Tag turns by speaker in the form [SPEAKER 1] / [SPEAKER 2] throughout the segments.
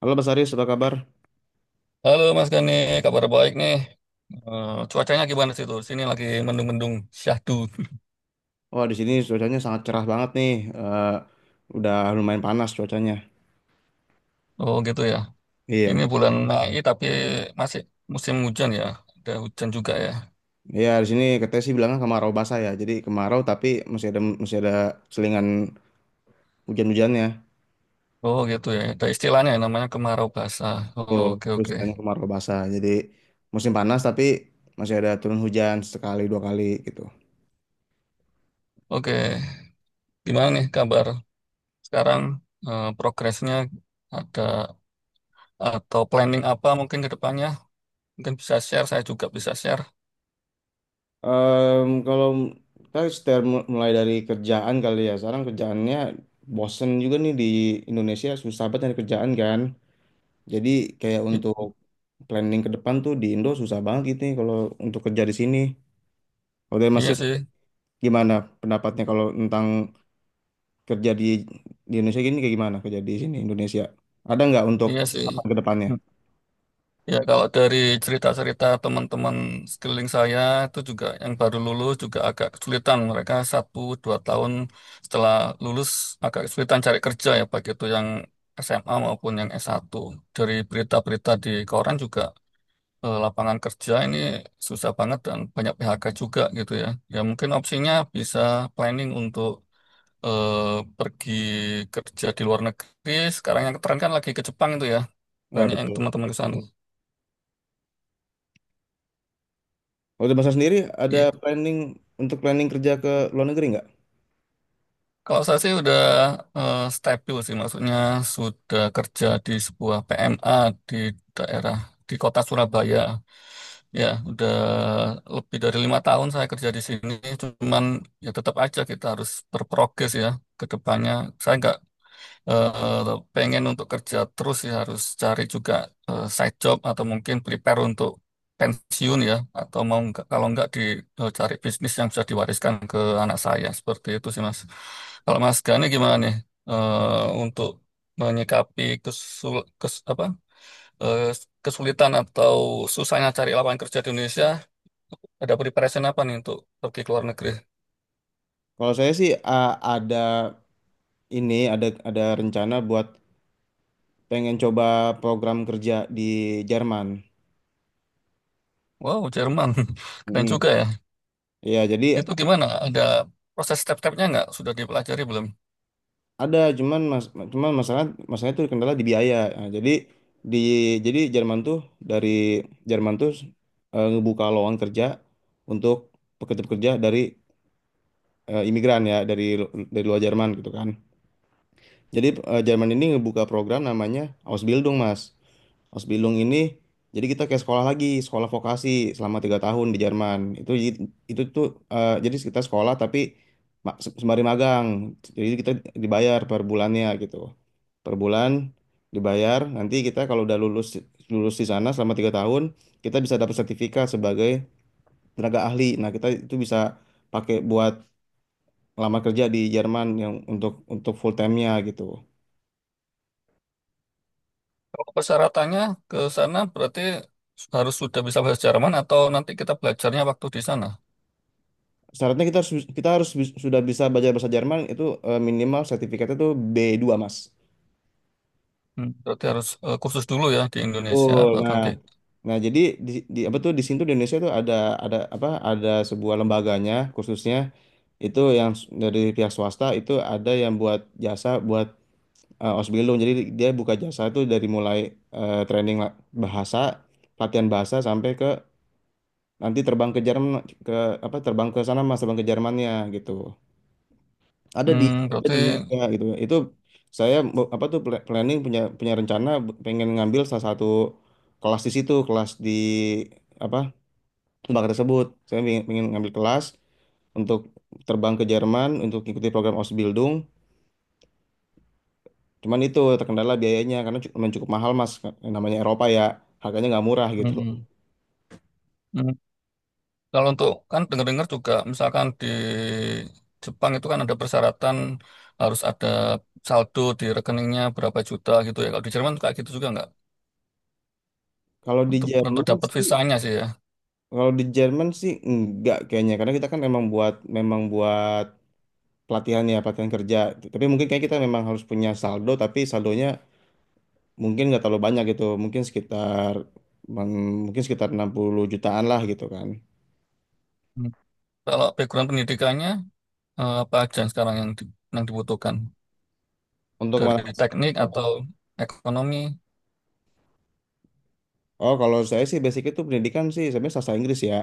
[SPEAKER 1] Halo Mas Aris, apa kabar?
[SPEAKER 2] Halo Mas Gani, kabar baik nih. Eh, cuacanya gimana sih tuh? Sini lagi mendung-mendung syahdu.
[SPEAKER 1] Wah, di sini cuacanya sangat cerah banget nih. Eh, udah lumayan panas cuacanya.
[SPEAKER 2] Oh gitu ya. Ini
[SPEAKER 1] Iya,
[SPEAKER 2] bulan Mei tapi masih musim hujan ya. Ada hujan juga ya.
[SPEAKER 1] iya, di sini katanya sih bilangnya kemarau basah ya. Jadi kemarau tapi masih ada selingan hujan-hujannya.
[SPEAKER 2] Oh gitu ya. Ada istilahnya yang namanya kemarau basah. Oh,
[SPEAKER 1] Tuh,
[SPEAKER 2] oke
[SPEAKER 1] terus
[SPEAKER 2] oke.
[SPEAKER 1] tanya kemarau basah. Jadi musim panas tapi masih ada turun hujan sekali dua kali gitu.
[SPEAKER 2] Oke. Gimana nih kabar sekarang? Progresnya ada atau planning apa mungkin ke depannya? Mungkin bisa share. Saya juga bisa share.
[SPEAKER 1] Kalau kita setel- mulai dari kerjaan kali ya. Sekarang kerjaannya bosen juga nih, di Indonesia susah banget nyari kerjaan kan. Jadi kayak
[SPEAKER 2] I-
[SPEAKER 1] untuk planning ke depan tuh, di Indo susah banget gitu nih kalau untuk kerja di sini. Kalau dari Mas
[SPEAKER 2] iya
[SPEAKER 1] Sis,
[SPEAKER 2] sih.
[SPEAKER 1] gimana pendapatnya kalau tentang kerja di Indonesia gini, kayak gimana kerja di sini Indonesia? Ada nggak untuk
[SPEAKER 2] Iya sih.
[SPEAKER 1] apa ke depannya?
[SPEAKER 2] Ya, kalau dari cerita-cerita teman-teman sekeliling saya itu juga yang baru lulus juga agak kesulitan. Mereka satu dua tahun setelah lulus agak kesulitan cari kerja ya, baik itu yang SMA maupun yang satu. Dari berita-berita di koran juga lapangan kerja ini susah banget dan banyak PHK juga gitu ya. Ya mungkin opsinya bisa planning untuk eh, pergi kerja di luar negeri. Sekarang yang keren kan lagi ke Jepang itu ya.
[SPEAKER 1] Ya
[SPEAKER 2] Banyak yang
[SPEAKER 1] betul.
[SPEAKER 2] teman-teman ke sana.
[SPEAKER 1] Kalau dari Mas Sis sendiri ada
[SPEAKER 2] Iya.
[SPEAKER 1] planning untuk planning kerja ke luar negeri nggak?
[SPEAKER 2] Kalau saya sih udah stabil sih, maksudnya sudah kerja di sebuah PMA di daerah di kota Surabaya. Ya, udah lebih dari 5 tahun saya kerja di sini. Cuman ya tetap aja kita harus berprogres ya ke depannya. Saya nggak pengen untuk kerja terus ya harus cari juga side job atau mungkin prepare untuk pensiun ya atau mau nggak- kalau nggak dicari bisnis yang bisa diwariskan ke anak saya seperti itu sih Mas. Kalau Mas Gani gimana nih untuk menyikapi apa eh, kesulitan atau susahnya cari lapangan kerja di Indonesia ada preparation apa nih untuk pergi ke luar negeri?
[SPEAKER 1] Kalau saya sih ada, ini ada rencana buat pengen coba program kerja di Jerman.
[SPEAKER 2] Wow, Jerman. Keren
[SPEAKER 1] Mm.
[SPEAKER 2] juga ya.
[SPEAKER 1] Iya, jadi
[SPEAKER 2] Itu gimana? Ada proses step-stepnya nggak? Sudah dipelajari belum?
[SPEAKER 1] ada. Cuman mas, cuman masalah masalah itu kendala di biaya. Nah, jadi di jadi Jerman tuh, dari Jerman tuh ngebuka lowongan kerja untuk pekerja-pekerja dari imigran ya, dari dari luar Jerman gitu kan. Jadi Jerman ini ngebuka program namanya Ausbildung, Mas. Ausbildung ini, jadi kita kayak sekolah lagi, sekolah vokasi selama 3 tahun di Jerman. Itu tuh, jadi kita sekolah tapi sembari magang. Jadi kita dibayar per bulannya gitu. Per bulan dibayar. Nanti kita kalau udah lulus lulus di sana selama 3 tahun, kita bisa dapat sertifikat sebagai tenaga ahli. Nah, kita itu bisa pakai buat lamar kerja di Jerman yang untuk full time-nya gitu.
[SPEAKER 2] Kalau persyaratannya ke sana berarti harus sudah bisa bahasa Jerman atau nanti kita belajarnya waktu di sana?
[SPEAKER 1] Syaratnya kita harus sudah bisa belajar bahasa Jerman itu, minimal sertifikatnya tuh B2 Mas.
[SPEAKER 2] Hmm, berarti harus kursus dulu ya di Indonesia
[SPEAKER 1] Betul.
[SPEAKER 2] baru
[SPEAKER 1] Nah,
[SPEAKER 2] nanti.
[SPEAKER 1] nah, jadi di, apa tuh, di sini tuh di Indonesia tuh ada sebuah lembaganya, khususnya itu yang dari pihak swasta itu, ada yang buat jasa buat Osbilung. Jadi dia buka jasa itu dari mulai training bahasa, latihan bahasa, sampai ke nanti terbang ke Jerman, ke apa, terbang ke sana Mas, terbang ke Jermannya gitu. ada di
[SPEAKER 2] Hmm,
[SPEAKER 1] ada
[SPEAKER 2] berarti
[SPEAKER 1] di Indonesia gitu. Itu saya apa tuh, planning, punya punya rencana, pengen ngambil salah satu kelas di situ, kelas di apa, lembaga tersebut. Saya ingin ngambil kelas untuk terbang ke Jerman, untuk ikuti program Ausbildung. Cuman itu terkendala biayanya, karena memang cukup mahal mas. Yang namanya Eropa ya, harganya nggak murah gitu.
[SPEAKER 2] hmm, hmm. Kalau untuk kan dengar-dengar juga misalkan di Jepang itu kan ada persyaratan harus ada saldo di rekeningnya berapa juta gitu ya. Kalau di Jerman kayak gitu juga nggak?
[SPEAKER 1] kalau di
[SPEAKER 2] Untuk
[SPEAKER 1] Jerman
[SPEAKER 2] dapat
[SPEAKER 1] sih
[SPEAKER 2] visanya sih ya.
[SPEAKER 1] Kalau di Jerman sih enggak kayaknya, karena kita kan memang buat, pelatihan ya, pelatihan kerja. Tapi mungkin kayak kita memang harus punya saldo, tapi saldonya mungkin nggak terlalu banyak gitu, mungkin sekitar, mungkin sekitar 60 jutaan lah gitu kan.
[SPEAKER 2] Hmm. Kalau background pendidikannya apa aja yang sekarang yang yang dibutuhkan
[SPEAKER 1] Untuk kemana
[SPEAKER 2] dari
[SPEAKER 1] Mas?
[SPEAKER 2] teknik atau ekonomi?
[SPEAKER 1] Oh, kalau saya sih basic itu pendidikan sih sebenarnya sastra Inggris ya.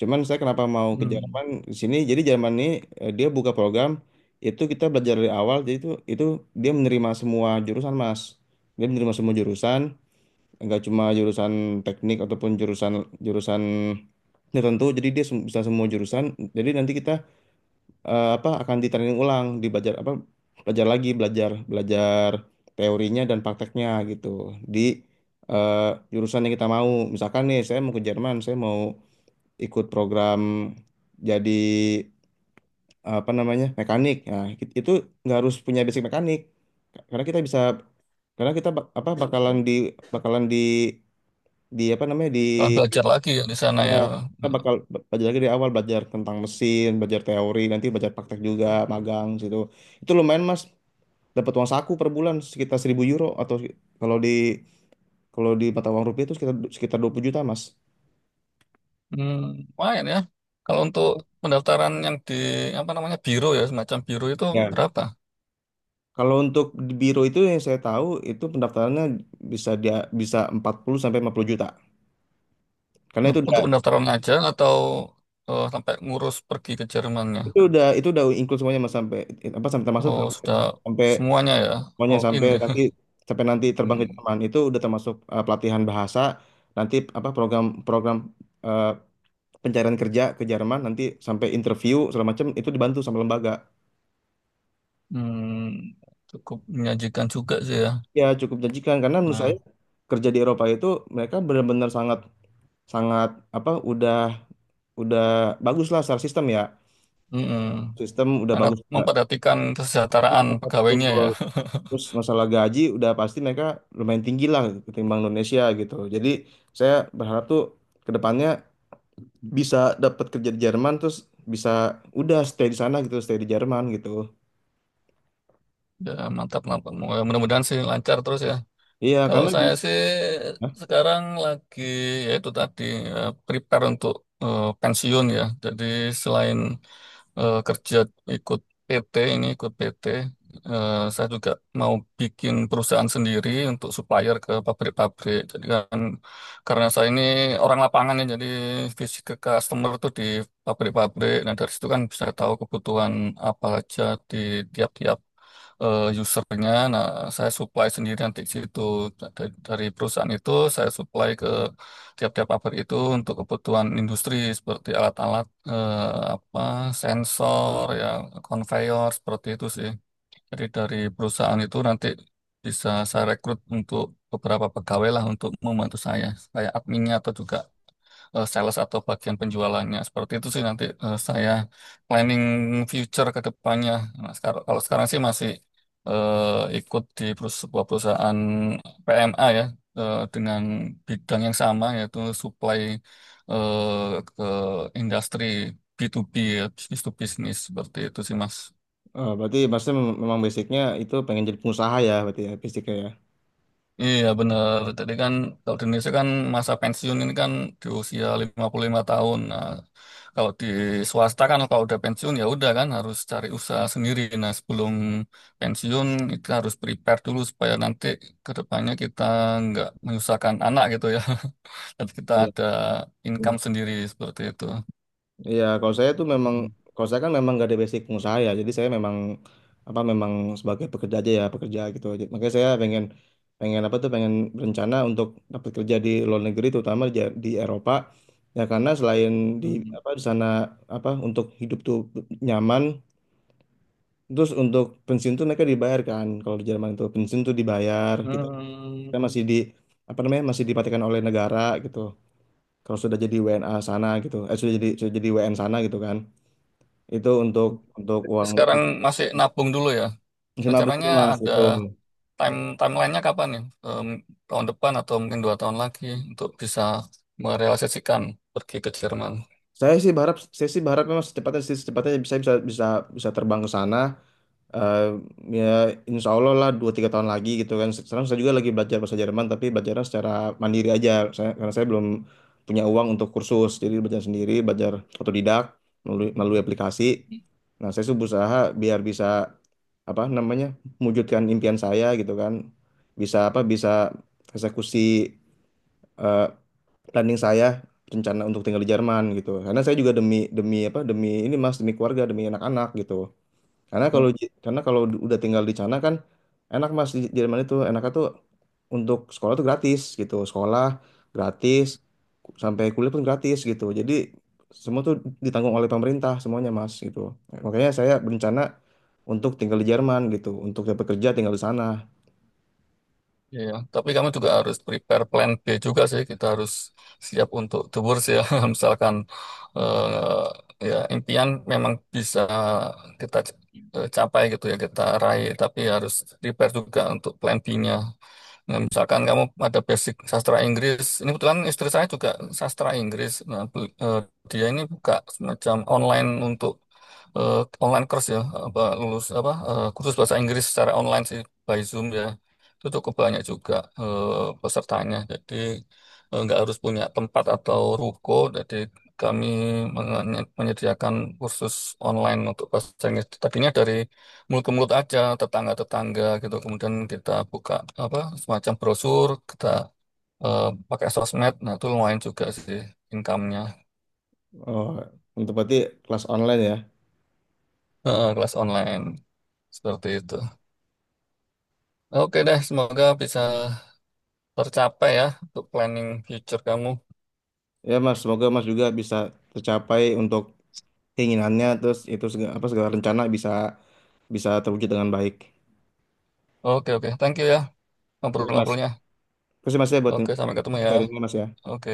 [SPEAKER 1] Cuman saya, kenapa mau ke
[SPEAKER 2] Hmm.
[SPEAKER 1] Jerman di sini, jadi Jerman ini dia buka program itu, kita belajar dari awal. Jadi itu dia menerima semua jurusan Mas, dia menerima semua jurusan, nggak cuma jurusan teknik ataupun jurusan, jurusan tertentu. Jadi dia bisa semua jurusan. Jadi nanti kita apa, akan ditraining ulang di apa, belajar lagi, belajar belajar teorinya dan prakteknya gitu, di eh, jurusan yang kita mau. Misalkan nih saya mau ke Jerman, saya mau ikut program, jadi apa namanya, mekanik. Nah itu nggak harus punya basic mekanik, karena kita bisa, karena kita apa, bakalan di, bakalan di apa namanya, di,
[SPEAKER 2] Kalau belajar lagi ya di sana
[SPEAKER 1] uh,
[SPEAKER 2] ya.
[SPEAKER 1] kita
[SPEAKER 2] Nah,
[SPEAKER 1] bakal belajar lagi dari awal, belajar tentang mesin, belajar teori, nanti belajar praktek juga, magang situ. Itu lumayan mas, dapat uang saku per bulan sekitar 1.000 euro, atau kalau di, mata uang rupiah itu sekitar sekitar 20 juta mas.
[SPEAKER 2] hmm, lumayan ya. Kalau untuk pendaftaran yang di apa namanya biro ya semacam biro itu
[SPEAKER 1] Ya.
[SPEAKER 2] berapa?
[SPEAKER 1] Kalau untuk di biro itu, yang saya tahu itu pendaftarannya bisa, dia bisa 40 sampai 50 juta, karena
[SPEAKER 2] Untuk pendaftaran aja atau sampai ngurus pergi ke Jermannya?
[SPEAKER 1] itu udah include semuanya mas, sampai apa, sampai termasuk,
[SPEAKER 2] Oh,
[SPEAKER 1] sampai
[SPEAKER 2] sudah
[SPEAKER 1] sampai
[SPEAKER 2] semuanya ya,
[SPEAKER 1] semuanya,
[SPEAKER 2] all in
[SPEAKER 1] sampai
[SPEAKER 2] ya.
[SPEAKER 1] nanti sampai nanti terbang ke
[SPEAKER 2] Hmm,
[SPEAKER 1] Jerman. Itu udah termasuk pelatihan bahasa. Nanti apa, program program eh, pencarian kerja ke Jerman, nanti sampai interview segala macam itu dibantu sama lembaga.
[SPEAKER 2] hmm, cukup menyajikan juga sih ya.
[SPEAKER 1] Ya, cukup menjanjikan, karena menurut saya
[SPEAKER 2] Nah,
[SPEAKER 1] kerja di Eropa itu, mereka benar-benar sangat, sangat apa, udah bagus lah secara sistem ya.
[SPEAKER 2] mm-mm.
[SPEAKER 1] Sistem udah
[SPEAKER 2] Sangat
[SPEAKER 1] bagus.
[SPEAKER 2] memperhatikan kesejahteraan pegawainya
[SPEAKER 1] Betul.
[SPEAKER 2] ya.
[SPEAKER 1] Terus masalah gaji udah pasti mereka lumayan tinggi lah ketimbang Indonesia gitu. Jadi saya berharap tuh ke depannya bisa dapat kerja di Jerman, terus bisa udah stay di sana gitu, stay di Jerman gitu.
[SPEAKER 2] Ya, mantap, mantap. Mudah-mudahan sih lancar terus ya.
[SPEAKER 1] Iya,
[SPEAKER 2] Kalau
[SPEAKER 1] karena di...
[SPEAKER 2] saya sih
[SPEAKER 1] Hah?
[SPEAKER 2] sekarang lagi ya itu tadi prepare untuk pensiun ya. Jadi selain kerja ikut PT ini ikut PT, saya juga mau bikin perusahaan sendiri untuk supplier ke pabrik-pabrik. Jadi kan karena saya ini orang lapangan ya, jadi fisik ke customer tuh di pabrik-pabrik. Nah dari situ kan bisa tahu kebutuhan apa aja di tiap-tiap usernya. Nah, saya supply sendiri nanti ke situ. Nah, dari perusahaan itu saya supply ke tiap-tiap pabrik itu untuk kebutuhan industri seperti alat-alat eh, apa sensor ya, conveyor seperti itu sih. Jadi dari perusahaan itu nanti bisa saya rekrut untuk beberapa pegawai lah untuk membantu saya kayak adminnya atau juga sales atau bagian penjualannya. Seperti itu sih nanti saya planning future ke depannya. Nah, kalau sekarang sih masih ikut di sebuah perusahaan PMA ya dengan bidang yang sama yaitu supply eh, ke industri B2B ya, bisnis to bisnis seperti itu sih Mas.
[SPEAKER 1] Ah, berarti maksudnya, memang basicnya itu pengen jadi pengusaha ya berarti ya, basicnya ya.
[SPEAKER 2] Iya benar. Tadi kan kalau di Indonesia kan masa pensiun ini kan di usia 55 tahun. Nah, kalau di swasta kan kalau udah pensiun ya udah kan harus cari usaha sendiri. Nah, sebelum pensiun itu harus prepare dulu supaya nanti ke depannya kita nggak menyusahkan anak gitu ya. Dan kita
[SPEAKER 1] Iya,
[SPEAKER 2] ada income sendiri seperti itu.
[SPEAKER 1] iya, kalau saya kan memang gak ada basic pengusaha ya. Jadi saya memang apa, sebagai pekerja aja ya, pekerja gitu. Jadi, makanya saya pengen, pengen apa tuh pengen berencana untuk dapat kerja di luar negeri, terutama di Eropa ya. Karena selain di
[SPEAKER 2] Hmm.
[SPEAKER 1] apa, di sana apa, untuk hidup tuh nyaman. Terus untuk pensiun tuh mereka dibayar kan. Kalau di Jerman itu pensiun tuh dibayar. Kita,
[SPEAKER 2] Hmm.
[SPEAKER 1] kita masih di apa namanya, masih dipatikan oleh negara gitu. Kalau sudah jadi WNA sana gitu, eh, sudah jadi, WN sana gitu kan. Itu untuk uang
[SPEAKER 2] Sekarang masih nabung dulu ya.
[SPEAKER 1] senabung
[SPEAKER 2] Rencananya
[SPEAKER 1] mas
[SPEAKER 2] ada
[SPEAKER 1] itu.
[SPEAKER 2] timelinenya kapan nih? Em, tahun depan atau mungkin 2 tahun lagi untuk bisa merealisasikan pergi ke Jerman.
[SPEAKER 1] Saya sih berharap memang secepatnya, secepatnya bisa, bisa bisa bisa terbang ke sana. Eh, Ya, insya Allah lah 2-3 tahun lagi gitu kan. Sekarang saya juga lagi belajar bahasa Jerman, tapi belajarnya secara mandiri aja. Karena saya belum punya uang untuk kursus. Jadi belajar sendiri, belajar otodidak, melalui aplikasi. Nah, saya sih berusaha biar bisa apa namanya, mewujudkan impian saya gitu kan. Bisa eksekusi eh, planning saya, rencana untuk tinggal di Jerman gitu. Karena saya juga demi, demi apa demi ini Mas, demi keluarga, demi anak-anak gitu. Karena kalau udah tinggal di sana kan enak Mas. Di Jerman itu enaknya tuh untuk sekolah tuh gratis gitu. Sekolah gratis, sampai kuliah pun gratis gitu. Jadi semua tuh ditanggung oleh pemerintah semuanya Mas gitu. Makanya saya berencana untuk tinggal di Jerman gitu, untuk dapat kerja tinggal di sana.
[SPEAKER 2] Iya, tapi kamu juga harus prepare plan B juga sih. Kita harus siap untuk tour sih ya. Misalkan eh, ya impian memang bisa kita c- capai gitu ya, kita raih, tapi harus prepare juga untuk plan B-nya. Nah, misalkan kamu ada basic sastra Inggris, ini kebetulan istri saya juga sastra Inggris. Nah, dia ini buka semacam online untuk eh, online course ya, apa lulus apa eh, kursus bahasa Inggris secara online sih by Zoom ya, itu cukup banyak juga eh, pesertanya. Jadi nggak harus punya tempat atau ruko. Jadi kami menyediakan kursus online untuk bahasa Inggris. Tadinya dari mulut ke mulut aja, tetangga-tetangga gitu. Kemudian kita buka apa semacam brosur, kita eh, pakai sosmed. Nah itu lumayan juga sih income-nya.
[SPEAKER 1] Oh, untuk berarti kelas online ya.
[SPEAKER 2] Eh, kelas online seperti itu. Oke deh, semoga bisa tercapai ya untuk planning future kamu.
[SPEAKER 1] Ya Mas, semoga Mas juga bisa tercapai untuk keinginannya, terus itu segala, apa, segala rencana bisa, terwujud dengan baik.
[SPEAKER 2] Oke oke, thank you ya
[SPEAKER 1] Jadi Mas,
[SPEAKER 2] ngobrol-ngobrolnya.
[SPEAKER 1] terima kasih Mas ya, buat
[SPEAKER 2] Oke, sampai ketemu ya.
[SPEAKER 1] sharingnya Mas ya.
[SPEAKER 2] Oke.